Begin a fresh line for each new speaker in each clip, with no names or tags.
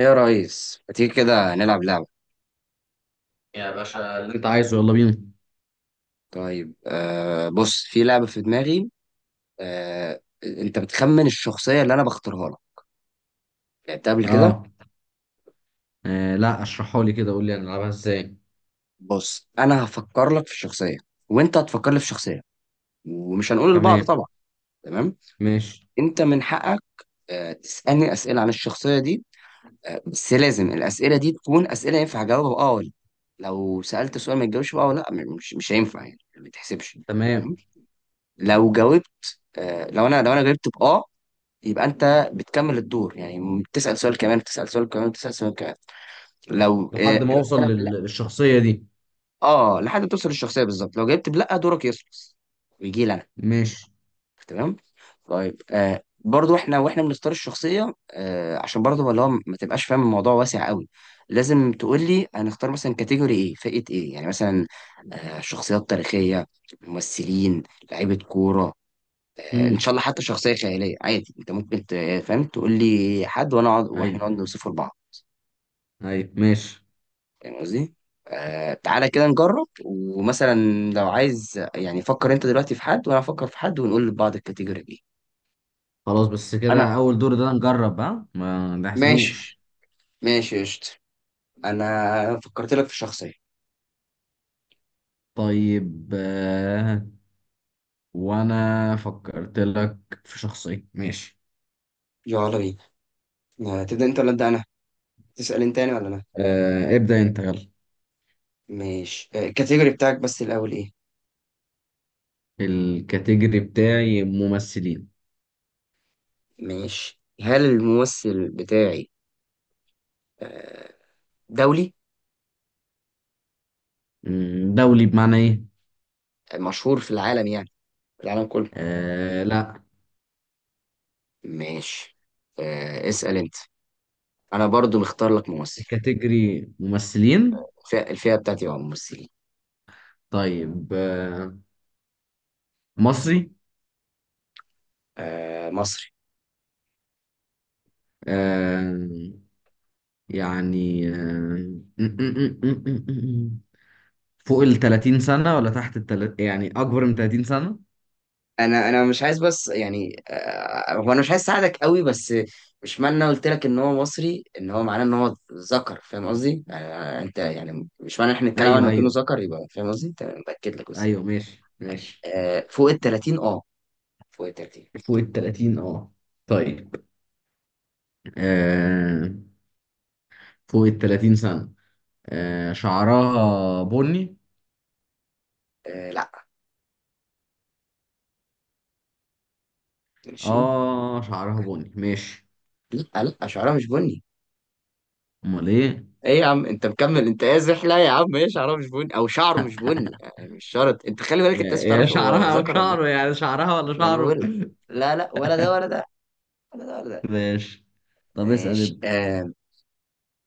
ايه يا ريس، ما تيجي كده نلعب لعبة؟
يا باشا اللي كنت انت عايزه عايزه يلا بينا.
طيب بص، في لعبة في دماغي. انت بتخمن الشخصية اللي انا بختارها لك، لعبتها قبل كده.
اه. لا، اشرحها لي كده، قول لي هنلعبها ازاي؟
بص، انا هفكر لك في شخصية، وانت هتفكر لي في شخصية، ومش هنقول لبعض
تمام.
طبعا. تمام.
ماشي.
انت من حقك تسألني أسئلة عن الشخصية دي. بس لازم الأسئلة دي تكون أسئلة ينفع أجاوبها اه ولا لأ. لو سألت سؤال ما تجاوبش بقى ولا لا مش هينفع يعني، ما تحسبش.
تمام.
تمام؟ لو جاوبت لو انا جاوبت باه، يبقى انت بتكمل الدور يعني، بتسال سؤال كمان، بتسال سؤال كمان، بتسال سؤال كمان. لو
لحد ما
جاوبت
اوصل
انا بلا
للشخصية دي.
اه لحد ما توصل للشخصيه بالظبط، لو جاوبت بلا دورك يخلص ويجي لي انا.
ماشي.
تمام. طيب برضو احنا بنختار الشخصيه، عشان برضو اللي هو ما تبقاش فاهم، الموضوع واسع قوي. لازم تقول لي هنختار مثلا كاتيجوري ايه، فئه ايه يعني. مثلا شخصيات تاريخيه، ممثلين، لعيبه كوره، ان شاء
امم
الله حتى شخصيه خياليه عادي. انت ممكن فاهم، تقول لي حد وانا اقعد واحنا
ايوه،
نقعد نوصفه لبعض.
ايوه، ماشي،
فاهم قصدي؟ تعالى كده نجرب، ومثلا لو عايز يعني فكر انت دلوقتي في حد، وانا افكر في حد، ونقول لبعض الكاتيجوري دي.
خلاص. بس
انا
كده اول دور ده نجرب، ها؟ ما نحسبوش.
ماشي. ماشي، قشطة. انا فكرت لك في شخصيه،
طيب. وانا فكرت لك في شخصية. ماشي.
يلا بينا. تبدا انت ولا ابدا انا؟ تسال انت يعني ولا انا؟
ابدأ انت، يلا.
ماشي. الكاتيجوري بتاعك بس الاول ايه؟
الكاتيجوري بتاعي ممثلين.
ماشي. هل الممثل بتاعي آه، دولي،
دولي بمعنى ايه؟
مشهور في العالم يعني، في العالم كله؟
لا.
ماشي. اسأل انت، انا برضو مختار لك ممثل.
كاتيجوري ممثلين.
الفئة بتاعتي هو ممثلين،
طيب، مصري.
مصري.
آه، يعني آه، فوق ال 30 سنة ولا تحت ال 30؟ يعني أكبر من 30 سنة؟
انا مش عايز بس يعني، هو انا مش عايز اساعدك قوي، بس مش معنى انا قلت لك ان هو مصري ان هو معناه ان هو ذكر، فاهم قصدي؟ انت يعني مش معنى احنا نتكلم
أيوه،
عنه كأنه
أيوه،
ذكر يبقى، فاهم قصدي؟ تمام، باكد لك بس.
أيوه، ماشي، ماشي.
فوق ال 30 اه، فوق ال 30.
فوق ال 30. طيب. آه، فوق ال 30 سنة. شعرها بني.
لا. ماشي.
شعرها بني. ماشي.
لا لا، شعرها مش بني.
أمال إيه؟
ايه يا عم، انت مكمل؟ انت قازح. لا يا عم، ايه شعره مش بني او شعره مش بني؟ مش شرط. انت خلي بالك،
يا
انت لسه
يا
بتعرفش هو
شعرها أو
ذكر ولا لا.
شعره، يعني شعرها ولا
ما انا
شعره؟
بقول لك لا، لا ولا ده ولا ده ولا ده ولا ده.
ماشي. طب اسأل
ماشي.
انت.
آه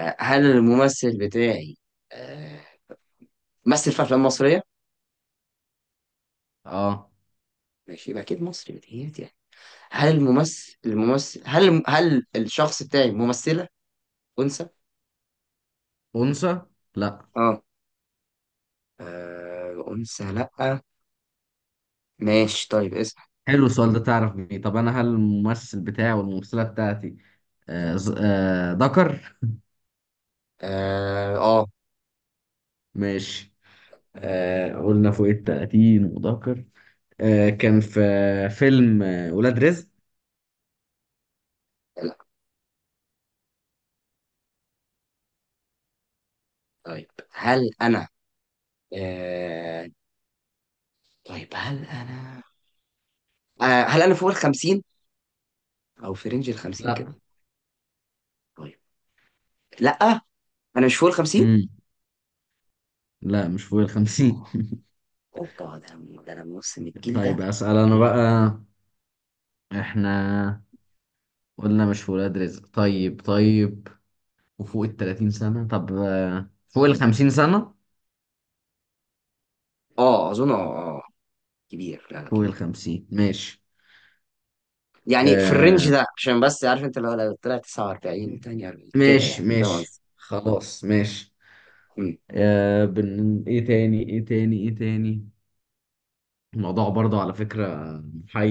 آه، هل الممثل بتاعي آه مثل في افلام مصريه؟
اه،
ماشي، يبقى اكيد مصري بتهيألي يعني. هل الممثل الممثل هل هل الشخص بتاعي ممثله انثى؟
انثى؟ لا.
اه انثى لا. ماشي. طيب اسم
حلو السؤال ده، تعرف بيه. طب انا هل الممثل بتاعي والممثله بتاعتي ذكر.
اه
ماشي. قلنا فوق التلاتين وذكر. كان في فيلم ولاد رزق.
لا. طيب هل انا آه، طيب هل انا هل انا فوق ال 50 او في رينج ال 50 كده؟
لا.
طيب لا، انا مش فوق ال 50.
امم لا، مش فوق الخمسين.
اوبا، ده انا من نص، من الجيل
طيب،
ده.
اسال انا
ايه؟
بقى. احنا قلنا مش في ولاد رزق. طيب، طيب. وفوق التلاتين سنه. طب فوق الخمسين سنه؟
اه اظن. اه كبير لا لا،
فوق
كبير.
الخمسين؟ ماشي.
يعني في الرينج
آه
ده، عشان بس عارف انت، لو لو طلع 49 42 كده، يعني
ماشي،
فاهم
ماشي،
قصدي.
خلاص، ماشي.
مم.
ايه تاني؟ ايه تاني؟ ايه تاني؟ الموضوع برضه على فكرة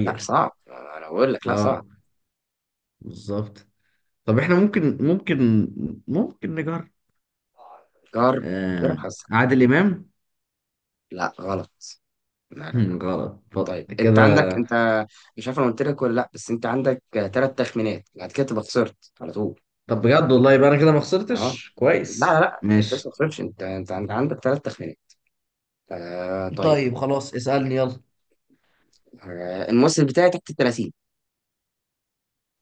لا صعب، انا بقول لك لا صعب.
اه، بالظبط. طب احنا ممكن نجرب.
جرب.
آه
جرب حظك.
عادل امام.
لا غلط. لا لا لا.
غلط
طيب انت
كده.
عندك، مش عارف انا قلت لك ولا لا، بس انت عندك ثلاث تخمينات، بعد كده تبقى خسرت على طول.
طب بجد والله، يبقى انا كده ما
اه
خسرتش
لا لا
كويس.
لا، انت لسه
ماشي.
ما خسرتش، انت انت عندك ثلاث تخمينات. طيب.
طيب، خلاص، اسألني يلا.
الممثل بتاعي تحت ال 30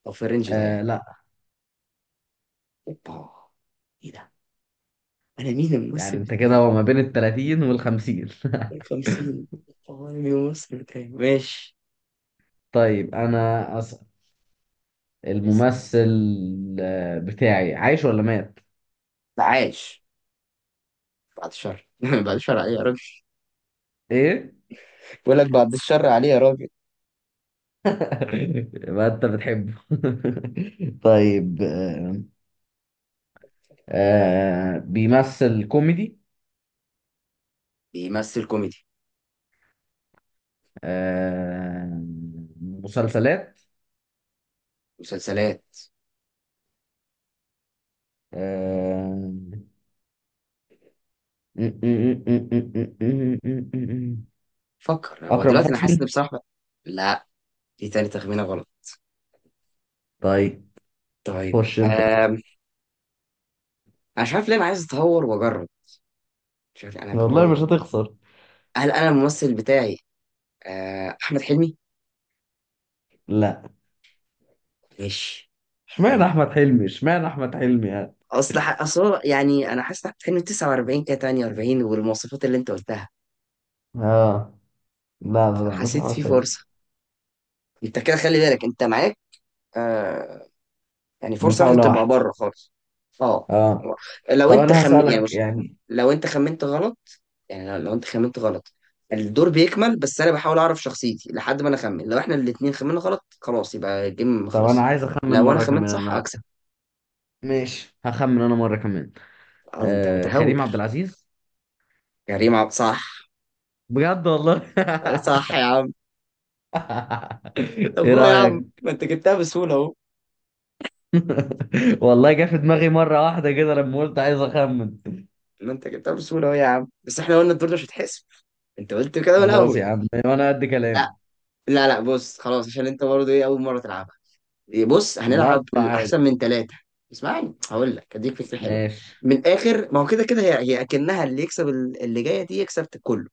او في الرينج ده يعني؟
لا.
اوبا، ايه ده، انا مين
يعني
الممثل
انت
بتاعي؟
كده هو ما بين ال 30 وال 50.
50، اوبا، انا مين الممثل بتاعي؟ ماشي.
طيب انا أسأل.
لسه.
الممثل بتاعي عايش ولا مات؟
لا عايش، بعد الشر بعد الشر عليه يا راجل.
ايه؟
بقول لك بعد الشر عليه يا راجل.
ما انت بتحبه. طيب، بيمثل كوميدي.
بيمثل كوميدي.
آه، مسلسلات.
مسلسلات.
آه،
فكر هو
اكرم
دلوقتي، انا حاسس ان
حسني.
بصراحه. لا، دي تاني تخمينه غلط.
طيب،
طيب
خش انت.
انا مش عارف ليه انا عايز اتهور واجرب. مش عارف، انا
والله
قررت.
مش هتخسر.
هل انا الممثل بتاعي احمد حلمي؟
لا.
ماشي.
اشمعنى احمد حلمي، اشمعنى احمد حلمي يعني؟
اصل اصل هو يعني، انا حاسس إن احمد حلمي 49 كده 48، والمواصفات اللي انت قلتها،
اه. لا، لا، لا، مش
فحسيت في
احمد حلمي.
فرصه. انت كده خلي بالك، انت معاك آه يعني فرصه واحده،
محاولة
تبقى
واحدة.
بره خالص. اه.
اه.
لو
طب
انت
انا
خم يعني
هسألك
بص،
يعني.
لو انت خمنت غلط، يعني لو انت خمنت غلط، الدور بيكمل، بس انا بحاول اعرف شخصيتي لحد ما انا اخمن. لو احنا الاتنين خمنا غلط، خلاص يبقى الجيم
طب انا
خلص.
عايز اخمن
لو انا
مرة
خمنت
كمان،
صح
انا.
اكسب.
ماشي، هخمن انا مرة كمان.
اه، انت
كريم
متهور.
عبد العزيز.
كريم عبد، صح.
بجد والله.
صح يا عم. طب
ايه
هو يا عم،
رأيك؟
ما انت جبتها بسهولة اهو.
والله جه في دماغي مرة واحدة كده لما قلت عايز اخمن.
ما انت جبتها بسهولة اهو يا عم، بس احنا قلنا الدور ده مش هيتحسب، انت قلت كده من
خلاص
الاول.
يا عم، وانا قد
لا
كلام.
لا لا، بص خلاص، عشان انت برضه ايه اول مرة تلعبها. إيه، بص
لا،
هنلعب
لا، عادي.
الاحسن من ثلاثة. اسمعني، هقول لك اديك فكرة حلوة.
ماشي،
من الاخر، ما هو كده كده، هي اكنها، اللي جاية دي يكسب كله.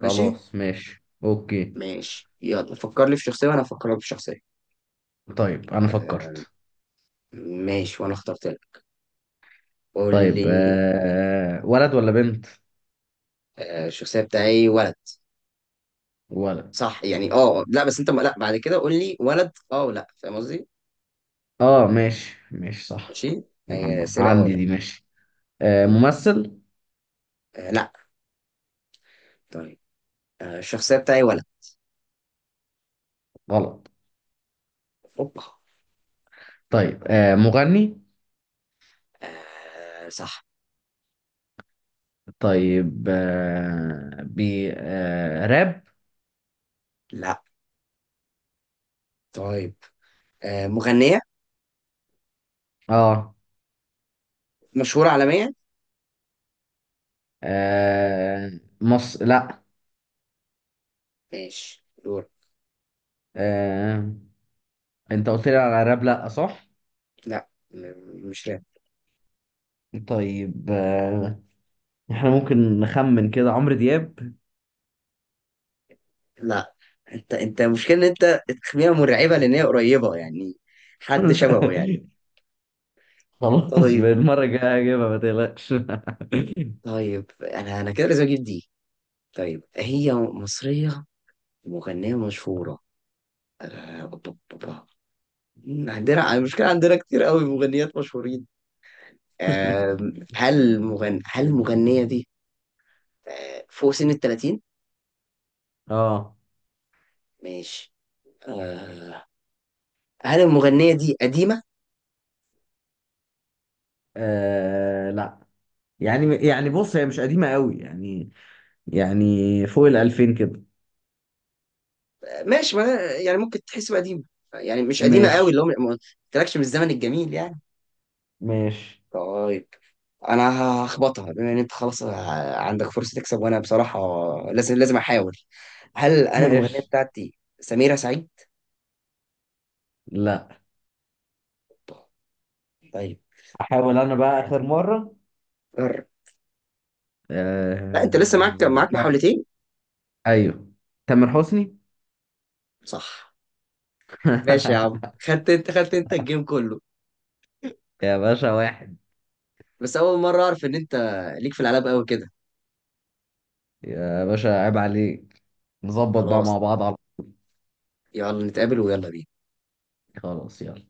ماشي.
خلاص، ماشي، اوكي.
ماشي، يلا فكر لي في شخصية وانا افكر لك في شخصية.
طيب انا
آه،
فكرت.
ماشي، وانا اخترت لك، قول
طيب،
لي.
ولد ولا بنت؟
الشخصية بتاعي ولد.
ولد.
صح يعني. اه لا، بس انت لا، بعد كده قول لي ولد اه ولا، فاهم قصدي؟
اه، ماشي، ماشي، صح.
ماشي. اسئله اه
عندي
ولا.
دي، ماشي.
مم.
ممثل.
لا. طيب الشخصيه بتاعي ولد.
غلط.
اوبا.
طيب، مغني.
صح.
طيب، آه، بي آه، راب.
لا. طيب مغنيه
اه.
مشهوره عالميا.
آه، مص لا.
ماشي، دور.
آه، انت قلت لي على راب، لا صح؟
لا مش راب.
طيب، احنا ممكن نخمن كده، عمرو دياب.
لا، انت المشكله ان انت تخميها مرعبه، لان هي قريبه يعني، حد شبهه يعني.
خلاص،
طيب.
بالمرة الجاية هجيبها ما تقلقش.
طيب، انا كده لازم اجيب دي. طيب هي مصريه، مغنيه مشهوره. أوبا، أوبا. عندنا المشكلة، عندنا كتير قوي مغنيات مشهورين. هل المغنية دي فوق سن ال 30؟
اه.
ماشي. آه، هل المغنية دي قديمة؟
لا، يعني بص هي مش قديمة قوي يعني. يعني فوق الألفين كده.
ماشي، ما يعني ممكن تحسب قديمة، يعني مش قديمة قوي،
ماشي،
اللي هو ما قلتلكش من الزمن الجميل يعني.
ماشي.
طيب، انا هخبطها، بما ان انت خلاص عندك فرصة تكسب، وانا بصراحة لازم احاول. هل انا المغنية
ماشي.
بتاعتي سميرة سعيد؟
لا،
طيب. طيب،
احاول انا
يا
بقى
عم
اخر مرة.
جرب. لا، انت لسه معاك
آه...
محاولتين.
ايوه، تامر حسني.
صح. ماشي يا عم، خدت انت الجيم كله.
يا باشا، واحد.
بس اول مره اعرف ان انت ليك في الالعاب قوي كده.
يا باشا عيب عليك. نظبط بقى
خلاص،
مع بعض على...
يلا نتقابل ويلا بينا.
خلاص، يلا.